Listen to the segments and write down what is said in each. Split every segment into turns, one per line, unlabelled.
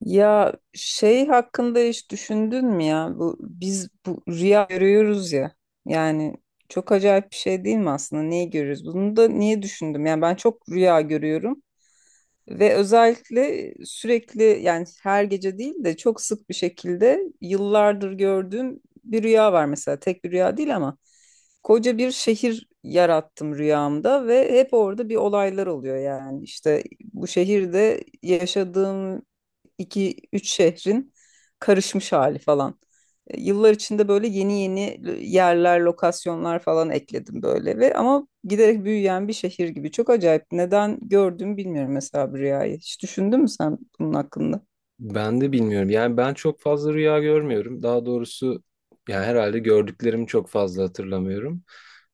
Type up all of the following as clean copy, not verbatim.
Ya şey hakkında hiç düşündün mü ya? Bu bu rüya görüyoruz ya. Yani çok acayip bir şey değil mi aslında? Neyi görüyoruz? Bunu da niye düşündüm? Yani ben çok rüya görüyorum. Ve özellikle sürekli yani her gece değil de çok sık bir şekilde yıllardır gördüğüm bir rüya var mesela. Tek bir rüya değil ama koca bir şehir yarattım rüyamda ve hep orada bir olaylar oluyor yani. İşte bu şehirde yaşadığım iki üç şehrin karışmış hali falan. Yıllar içinde böyle yeni yeni yerler, lokasyonlar falan ekledim böyle ve ama giderek büyüyen bir şehir gibi. Çok acayip. Neden gördüm bilmiyorum mesela bu rüyayı. Hiç düşündün mü sen bunun hakkında?
Ben de bilmiyorum. Yani ben çok fazla rüya görmüyorum. Daha doğrusu yani herhalde gördüklerimi çok fazla hatırlamıyorum.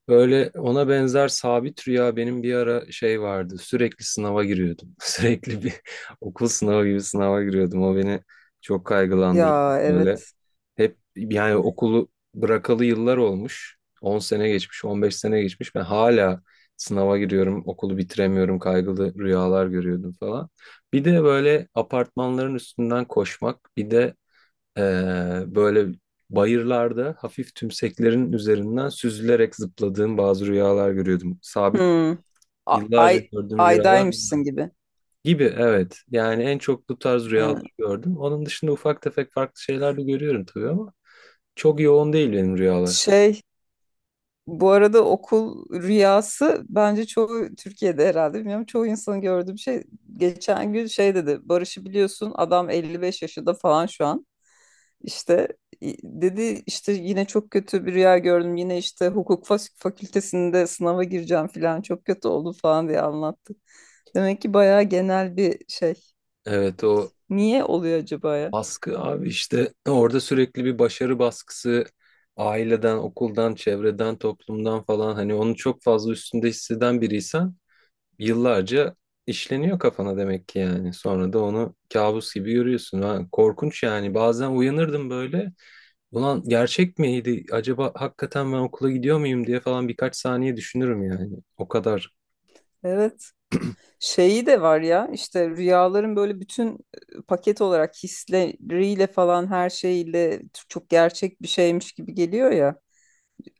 Böyle ona benzer sabit rüya benim bir ara şey vardı. Sürekli sınava giriyordum. Sürekli bir okul sınavı gibi sınava giriyordum. O beni çok kaygılandırıyordu
Ya,
böyle.
evet.
Hep yani okulu bırakalı yıllar olmuş. 10 sene geçmiş, 15 sene geçmiş. Ben hala sınava giriyorum, okulu bitiremiyorum, kaygılı rüyalar görüyordum falan. Bir de böyle apartmanların üstünden koşmak, bir de böyle bayırlarda hafif tümseklerin üzerinden süzülerek zıpladığım bazı rüyalar görüyordum. Sabit
Hmm.
yıllarca
Ay,
gördüğüm rüyalar bunlar.
aydaymışsın gibi.
Gibi, evet. Yani en çok bu tarz rüyaları
Ha.
gördüm. Onun dışında ufak tefek farklı şeyler de görüyorum tabii ama. Çok yoğun değil benim rüyalar.
Şey, bu arada okul rüyası bence çoğu Türkiye'de herhalde bilmiyorum çoğu insanın gördüğüm şey, geçen gün şey dedi, Barış'ı biliyorsun, adam 55 yaşında falan şu an, işte dedi işte yine çok kötü bir rüya gördüm yine işte hukuk fakültesinde sınava gireceğim falan çok kötü oldu falan diye anlattı. Demek ki bayağı genel bir şey.
Evet, o
Niye oluyor acaba ya?
baskı abi işte orada sürekli bir başarı baskısı aileden, okuldan, çevreden, toplumdan falan hani onu çok fazla üstünde hisseden biriysen yıllarca işleniyor kafana demek ki yani. Sonra da onu kabus gibi görüyorsun. Ha, korkunç yani, bazen uyanırdım böyle ulan gerçek miydi acaba hakikaten ben okula gidiyor muyum diye falan birkaç saniye düşünürüm yani. O kadar.
Evet, şeyi de var ya işte rüyaların böyle bütün paket olarak hisleriyle falan her şeyle çok gerçek bir şeymiş gibi geliyor ya.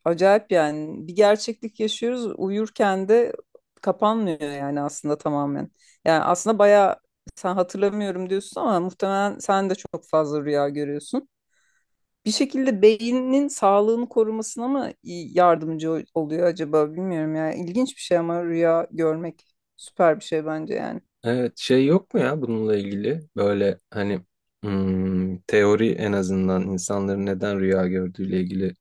Acayip yani, bir gerçeklik yaşıyoruz uyurken de, kapanmıyor yani aslında tamamen. Yani aslında bayağı, sen hatırlamıyorum diyorsun ama muhtemelen sen de çok fazla rüya görüyorsun. Bir şekilde beynin sağlığını korumasına mı yardımcı oluyor acaba bilmiyorum ya. İlginç bir şey ama rüya görmek süper bir şey bence yani.
Evet şey yok mu ya bununla ilgili böyle hani teori, en azından insanların neden rüya gördüğüyle ilgili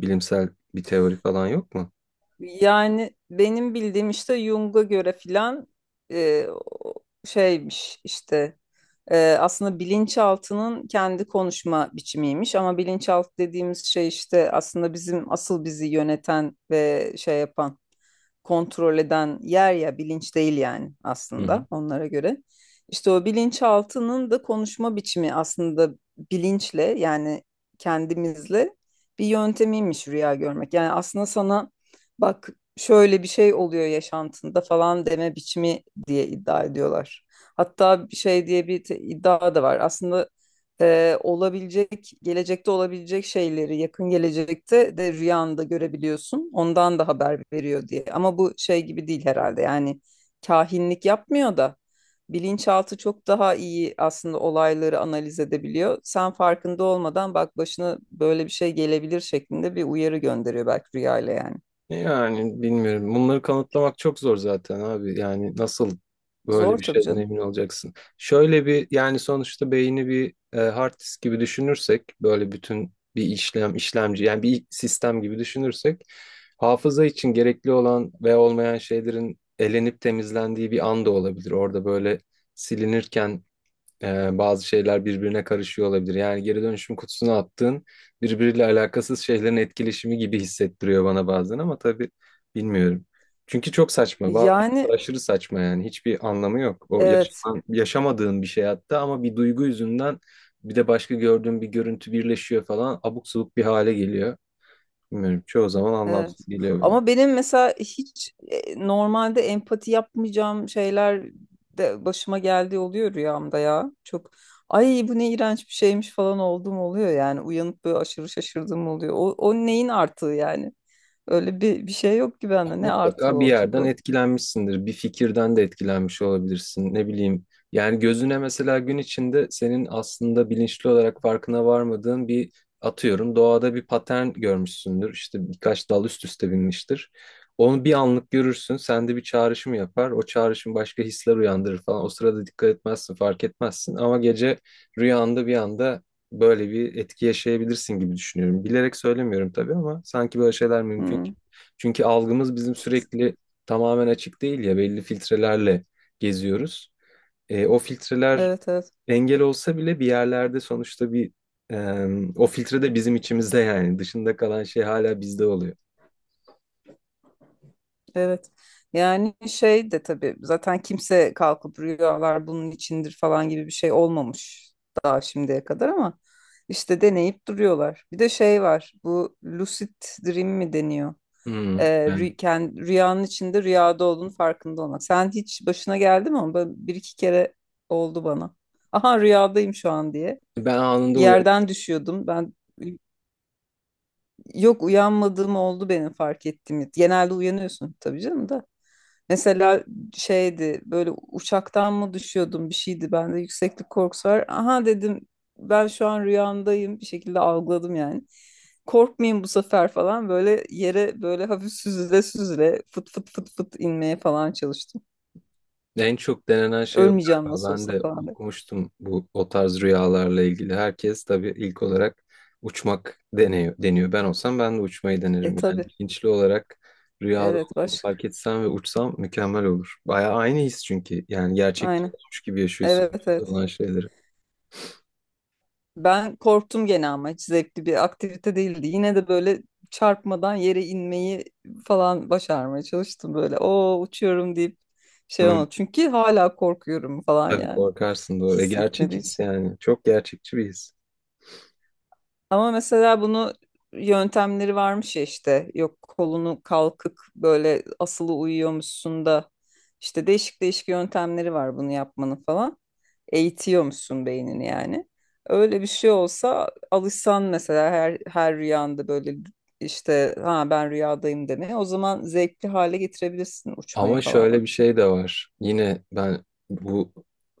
bilimsel bir teori falan yok mu?
Yani benim bildiğim işte Jung'a göre filan, e, o- şeymiş işte, aslında bilinçaltının kendi konuşma biçimiymiş ama bilinçaltı dediğimiz şey işte aslında bizim asıl bizi yöneten ve şey yapan, kontrol eden yer ya, bilinç değil yani aslında onlara göre. İşte o bilinçaltının da konuşma biçimi aslında bilinçle yani kendimizle bir yöntemiymiş rüya görmek. Yani aslında sana bak şöyle bir şey oluyor yaşantında falan deme biçimi diye iddia ediyorlar. Hatta bir şey diye bir iddia da var. Aslında olabilecek, gelecekte olabilecek şeyleri yakın gelecekte de rüyanda görebiliyorsun. Ondan da haber veriyor diye. Ama bu şey gibi değil herhalde. Yani kahinlik yapmıyor da, bilinçaltı çok daha iyi aslında olayları analiz edebiliyor. Sen farkında olmadan bak başına böyle bir şey gelebilir şeklinde bir uyarı gönderiyor belki rüyayla yani.
Yani bilmiyorum. Bunları kanıtlamak çok zor zaten abi. Yani nasıl böyle
Zor
bir
tabii
şeyden
canım.
emin olacaksın? Şöyle bir yani sonuçta beyni bir hard disk gibi düşünürsek böyle bütün bir işlem işlemci yani bir sistem gibi düşünürsek hafıza için gerekli olan ve olmayan şeylerin elenip temizlendiği bir an da olabilir. Orada böyle silinirken bazı şeyler birbirine karışıyor olabilir. Yani geri dönüşüm kutusuna attığın birbiriyle alakasız şeylerin etkileşimi gibi hissettiriyor bana bazen ama tabii bilmiyorum. Çünkü çok saçma. Bazen
Yani
aşırı saçma yani. Hiçbir anlamı yok. O
evet.
yaşanan, yaşamadığın bir şey hatta ama bir duygu yüzünden bir de başka gördüğün bir görüntü birleşiyor falan abuk subuk bir hale geliyor. Bilmiyorum. Çoğu zaman
Evet.
anlamsız geliyor bana.
Ama benim mesela hiç normalde empati yapmayacağım şeyler de başıma geldiği oluyor rüyamda ya. Çok ay bu ne iğrenç bir şeymiş falan olduğum oluyor yani. Uyanıp böyle aşırı şaşırdığım oluyor. O neyin artığı yani? Öyle bir şey yok ki bende. Ne artığı
Mutlaka bir
olacak
yerden
o?
etkilenmişsindir. Bir fikirden de etkilenmiş olabilirsin. Ne bileyim. Yani gözüne mesela gün içinde senin aslında bilinçli olarak farkına varmadığın bir, atıyorum, doğada bir patern görmüşsündür. İşte birkaç dal üst üste binmiştir. Onu bir anlık görürsün. Sende bir çağrışım yapar. O çağrışım başka hisler uyandırır falan. O sırada dikkat etmezsin, fark etmezsin. Ama gece rüyanda bir anda böyle bir etki yaşayabilirsin gibi düşünüyorum. Bilerek söylemiyorum tabii ama sanki böyle şeyler mümkün.
Hmm.
Çünkü algımız bizim sürekli tamamen açık değil ya, belli filtrelerle geziyoruz. O filtreler
Evet, evet.
engel olsa bile bir yerlerde sonuçta bir e, o filtre de bizim içimizde yani dışında kalan şey hala bizde oluyor.
Evet. Yani şey de tabii zaten kimse kalkıp rüyalar bunun içindir falan gibi bir şey olmamış daha şimdiye kadar ama işte deneyip duruyorlar. Bir de şey var, bu lucid dream mi deniyor?
Hmm. Evet.
Rüyanın içinde rüyada olduğunu farkında olmak. Sen hiç başına geldi mi? Bir iki kere oldu bana. Aha rüyadayım şu an diye.
Ben anında
Bir
uyanıyorum.
yerden düşüyordum. Yok, uyanmadığım oldu benim fark ettiğim. Genelde uyanıyorsun tabii canım da. Mesela şeydi böyle, uçaktan mı düşüyordum bir şeydi, bende yükseklik korkusu var. Aha dedim ben şu an rüyamdayım, bir şekilde algıladım yani. Korkmayayım bu sefer falan böyle yere böyle hafif süzüle süzüle fıt fıt fıt fıt inmeye falan çalıştım.
En çok denenen şey o
Ölmeyeceğim
galiba.
nasıl
Ben
olsa
de
falan diye.
okumuştum bu, o tarz rüyalarla ilgili. Herkes tabii ilk olarak uçmak deniyor, deniyor. Ben olsam ben de uçmayı
E
denerim. Yani
tabii.
bilinçli olarak rüyada
Evet,
olduğumu
başka,
fark etsem ve uçsam mükemmel olur. Bayağı aynı his çünkü. Yani gerçekten
aynen,
olmuş gibi yaşıyorsun
evet,
rüyada
evet.
olan şeyleri.
Ben korktum gene ama hiç zevkli bir aktivite değildi. Yine de böyle çarpmadan yere inmeyi falan başarmaya çalıştım böyle. O uçuyorum deyip şey
Hı,
olmadı. Çünkü hala korkuyorum falan
tabii
yani.
korkarsın, doğru.
His
Gerçek
gitmedi.
his yani. Çok gerçekçi bir his.
Ama mesela bunu yöntemleri varmış ya işte, yok kolunu kalkık böyle asılı uyuyormuşsun da işte değişik değişik yöntemleri var bunu yapmanın falan. Eğitiyormuşsun beynini yani. Öyle bir şey olsa alışsan mesela her rüyanda böyle işte ha ben rüyadayım demeye, o zaman zevkli hale getirebilirsin
Ama
uçmayı falan.
şöyle bir şey de var. Yine ben bu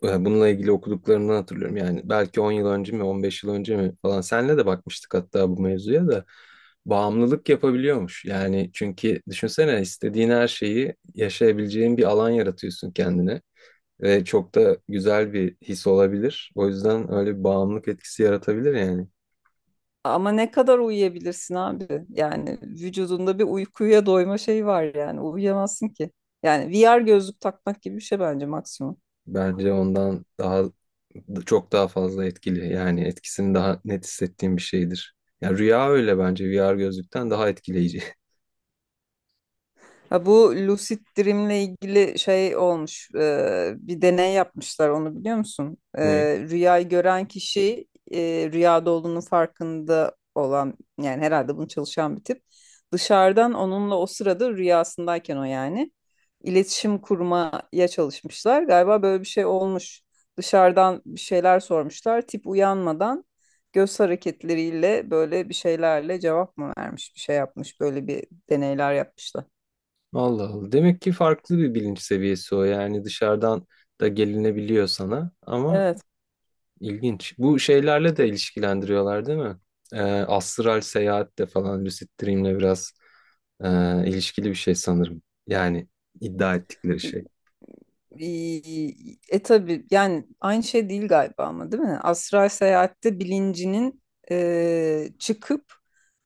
bununla ilgili okuduklarımdan hatırlıyorum. Yani belki 10 yıl önce mi, 15 yıl önce mi falan senle de bakmıştık hatta bu mevzuya da, bağımlılık yapabiliyormuş. Yani çünkü düşünsene istediğin her şeyi yaşayabileceğin bir alan yaratıyorsun kendine ve çok da güzel bir his olabilir. O yüzden öyle bir bağımlılık etkisi yaratabilir yani.
Ama ne kadar uyuyabilirsin abi? Yani vücudunda bir uykuya doyma şeyi var yani. Uyuyamazsın ki. Yani VR gözlük takmak gibi bir şey bence maksimum.
Bence ondan daha, çok daha fazla etkili. Yani etkisini daha net hissettiğim bir şeydir. Ya rüya öyle, bence VR gözlükten daha etkileyici.
Ha, bu lucid dream'le ilgili şey olmuş, bir deney yapmışlar, onu biliyor musun?
Ne?
Rüyayı gören kişi, rüyada olduğunun farkında olan yani, herhalde bunu çalışan bir tip. Dışarıdan onunla o sırada rüyasındayken o yani iletişim kurmaya çalışmışlar. Galiba böyle bir şey olmuş. Dışarıdan bir şeyler sormuşlar. Tip uyanmadan göz hareketleriyle böyle bir şeylerle cevap mı vermiş, bir şey yapmış. Böyle bir deneyler yapmışlar.
Allah Allah. Demek ki farklı bir bilinç seviyesi o. Yani dışarıdan da gelinebiliyor sana ama
Evet.
ilginç. Bu şeylerle de ilişkilendiriyorlar değil mi? Astral seyahatle falan lucid dream'le biraz e, ilişkili bir şey sanırım. Yani iddia ettikleri
E,
şey.
tabii yani aynı şey değil galiba ama, değil mi? Astral seyahatte bilincinin çıkıp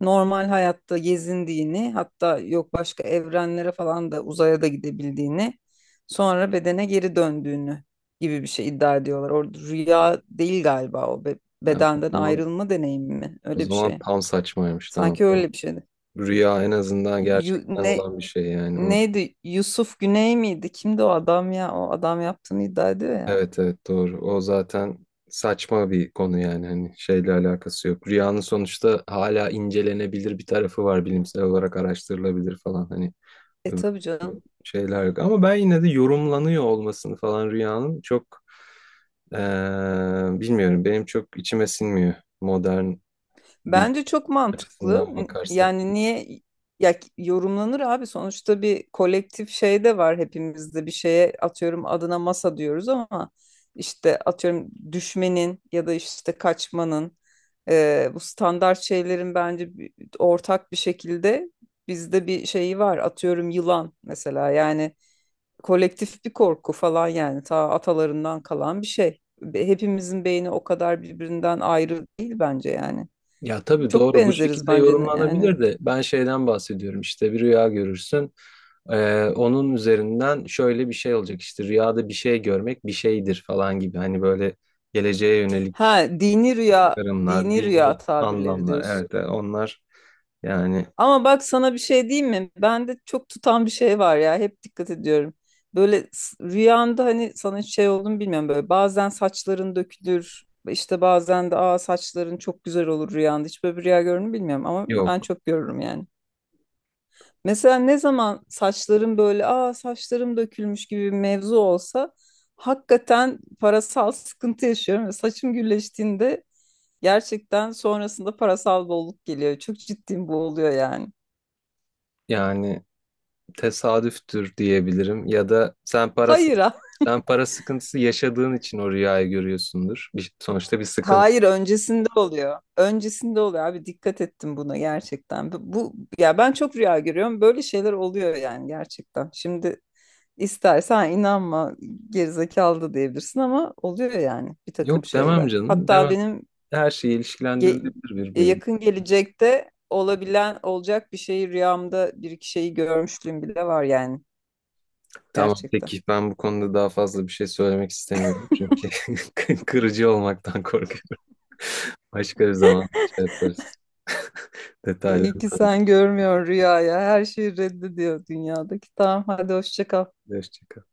normal hayatta gezindiğini, hatta yok başka evrenlere falan da uzaya da gidebildiğini, sonra bedene geri döndüğünü gibi bir şey iddia ediyorlar. Orada rüya değil galiba, o
Yani o
bedenden
zaman,
ayrılma deneyimi mi?
o
Öyle bir
zaman
şey.
tam saçmaymış. Tamam.
Sanki öyle bir şeydi.
Rüya en azından
Yu-
gerçekten
ne
olan bir şey yani. O-
Neydi? Yusuf Güney miydi? Kimdi o adam ya? O adam yaptığını iddia ediyor ya.
Evet evet, doğru. O zaten saçma bir konu yani, hani şeyle alakası yok. Rüyanın sonuçta hala incelenebilir bir tarafı var, bilimsel olarak araştırılabilir falan, hani
E
öbür
tabii canım.
şeyler yok. Ama ben yine de yorumlanıyor olmasını falan rüyanın çok eee, bilmiyorum, benim çok içime sinmiyor modern bilim
Bence çok mantıklı.
açısından bakarsak.
Yani niye yorumlanır abi? Sonuçta bir kolektif şey de var hepimizde. Bir şeye atıyorum adına masa diyoruz ama işte atıyorum düşmenin ya da işte kaçmanın, bu standart şeylerin bence ortak bir şekilde bizde bir şeyi var. Atıyorum yılan mesela, yani kolektif bir korku falan yani, ta atalarından kalan bir şey. Hepimizin beyni o kadar birbirinden ayrı değil bence yani.
Ya tabii
Çok
doğru, bu
benzeriz
şekilde
bence yani.
yorumlanabilir de ben şeyden bahsediyorum işte, bir rüya görürsün. Onun üzerinden şöyle bir şey olacak işte rüyada bir şey görmek bir şeydir falan gibi hani, böyle geleceğe
Ha
yönelik
dini rüya,
çıkarımlar,
dini rüya
dini
tabirleri
anlamlar,
diyorsun.
evet evet, onlar yani.
Ama bak sana bir şey diyeyim mi? Bende çok tutan bir şey var ya. Hep dikkat ediyorum. Böyle rüyamda hani sana hiç şey olduğunu bilmiyorum böyle. Bazen saçların dökülür. İşte bazen de aa saçların çok güzel olur rüyanda. Hiç böyle bir rüya görür mü bilmiyorum ama ben
Yok
çok görürüm yani. Mesela ne zaman saçlarım böyle aa saçlarım dökülmüş gibi bir mevzu olsa, hakikaten parasal sıkıntı yaşıyorum, ve saçım gülleştiğinde gerçekten sonrasında parasal bolluk geliyor. Çok ciddiyim bu oluyor yani.
yani, tesadüftür diyebilirim ya da sen parası,
Hayır.
sen para sıkıntısı yaşadığın için o rüyayı görüyorsundur. Bir- sonuçta bir sıkıntı.
Hayır, öncesinde oluyor. Öncesinde oluyor abi, dikkat ettim buna gerçekten. Ya ben çok rüya görüyorum. Böyle şeyler oluyor yani gerçekten. Şimdi istersen inanma, gerizekalı da diyebilirsin ama oluyor yani bir takım
Yok demem
şeyler.
canım,
Hatta
demem.
benim
Her şey
ge-
ilişkilendirilebilir bir bölüm.
yakın gelecekte olabilen olacak bir şeyi rüyamda bir iki şeyi görmüşlüğüm bile var yani,
Tamam
gerçekten.
peki, ben bu konuda daha fazla bir şey söylemek istemiyorum çünkü kırıcı olmaktan korkuyorum. Başka bir zaman şey yaparız. Detaylı.
İyi ki sen görmüyorsun rüyaya. Her şeyi reddediyor dünyadaki. Tamam hadi hoşça kal.
Hoşça kal.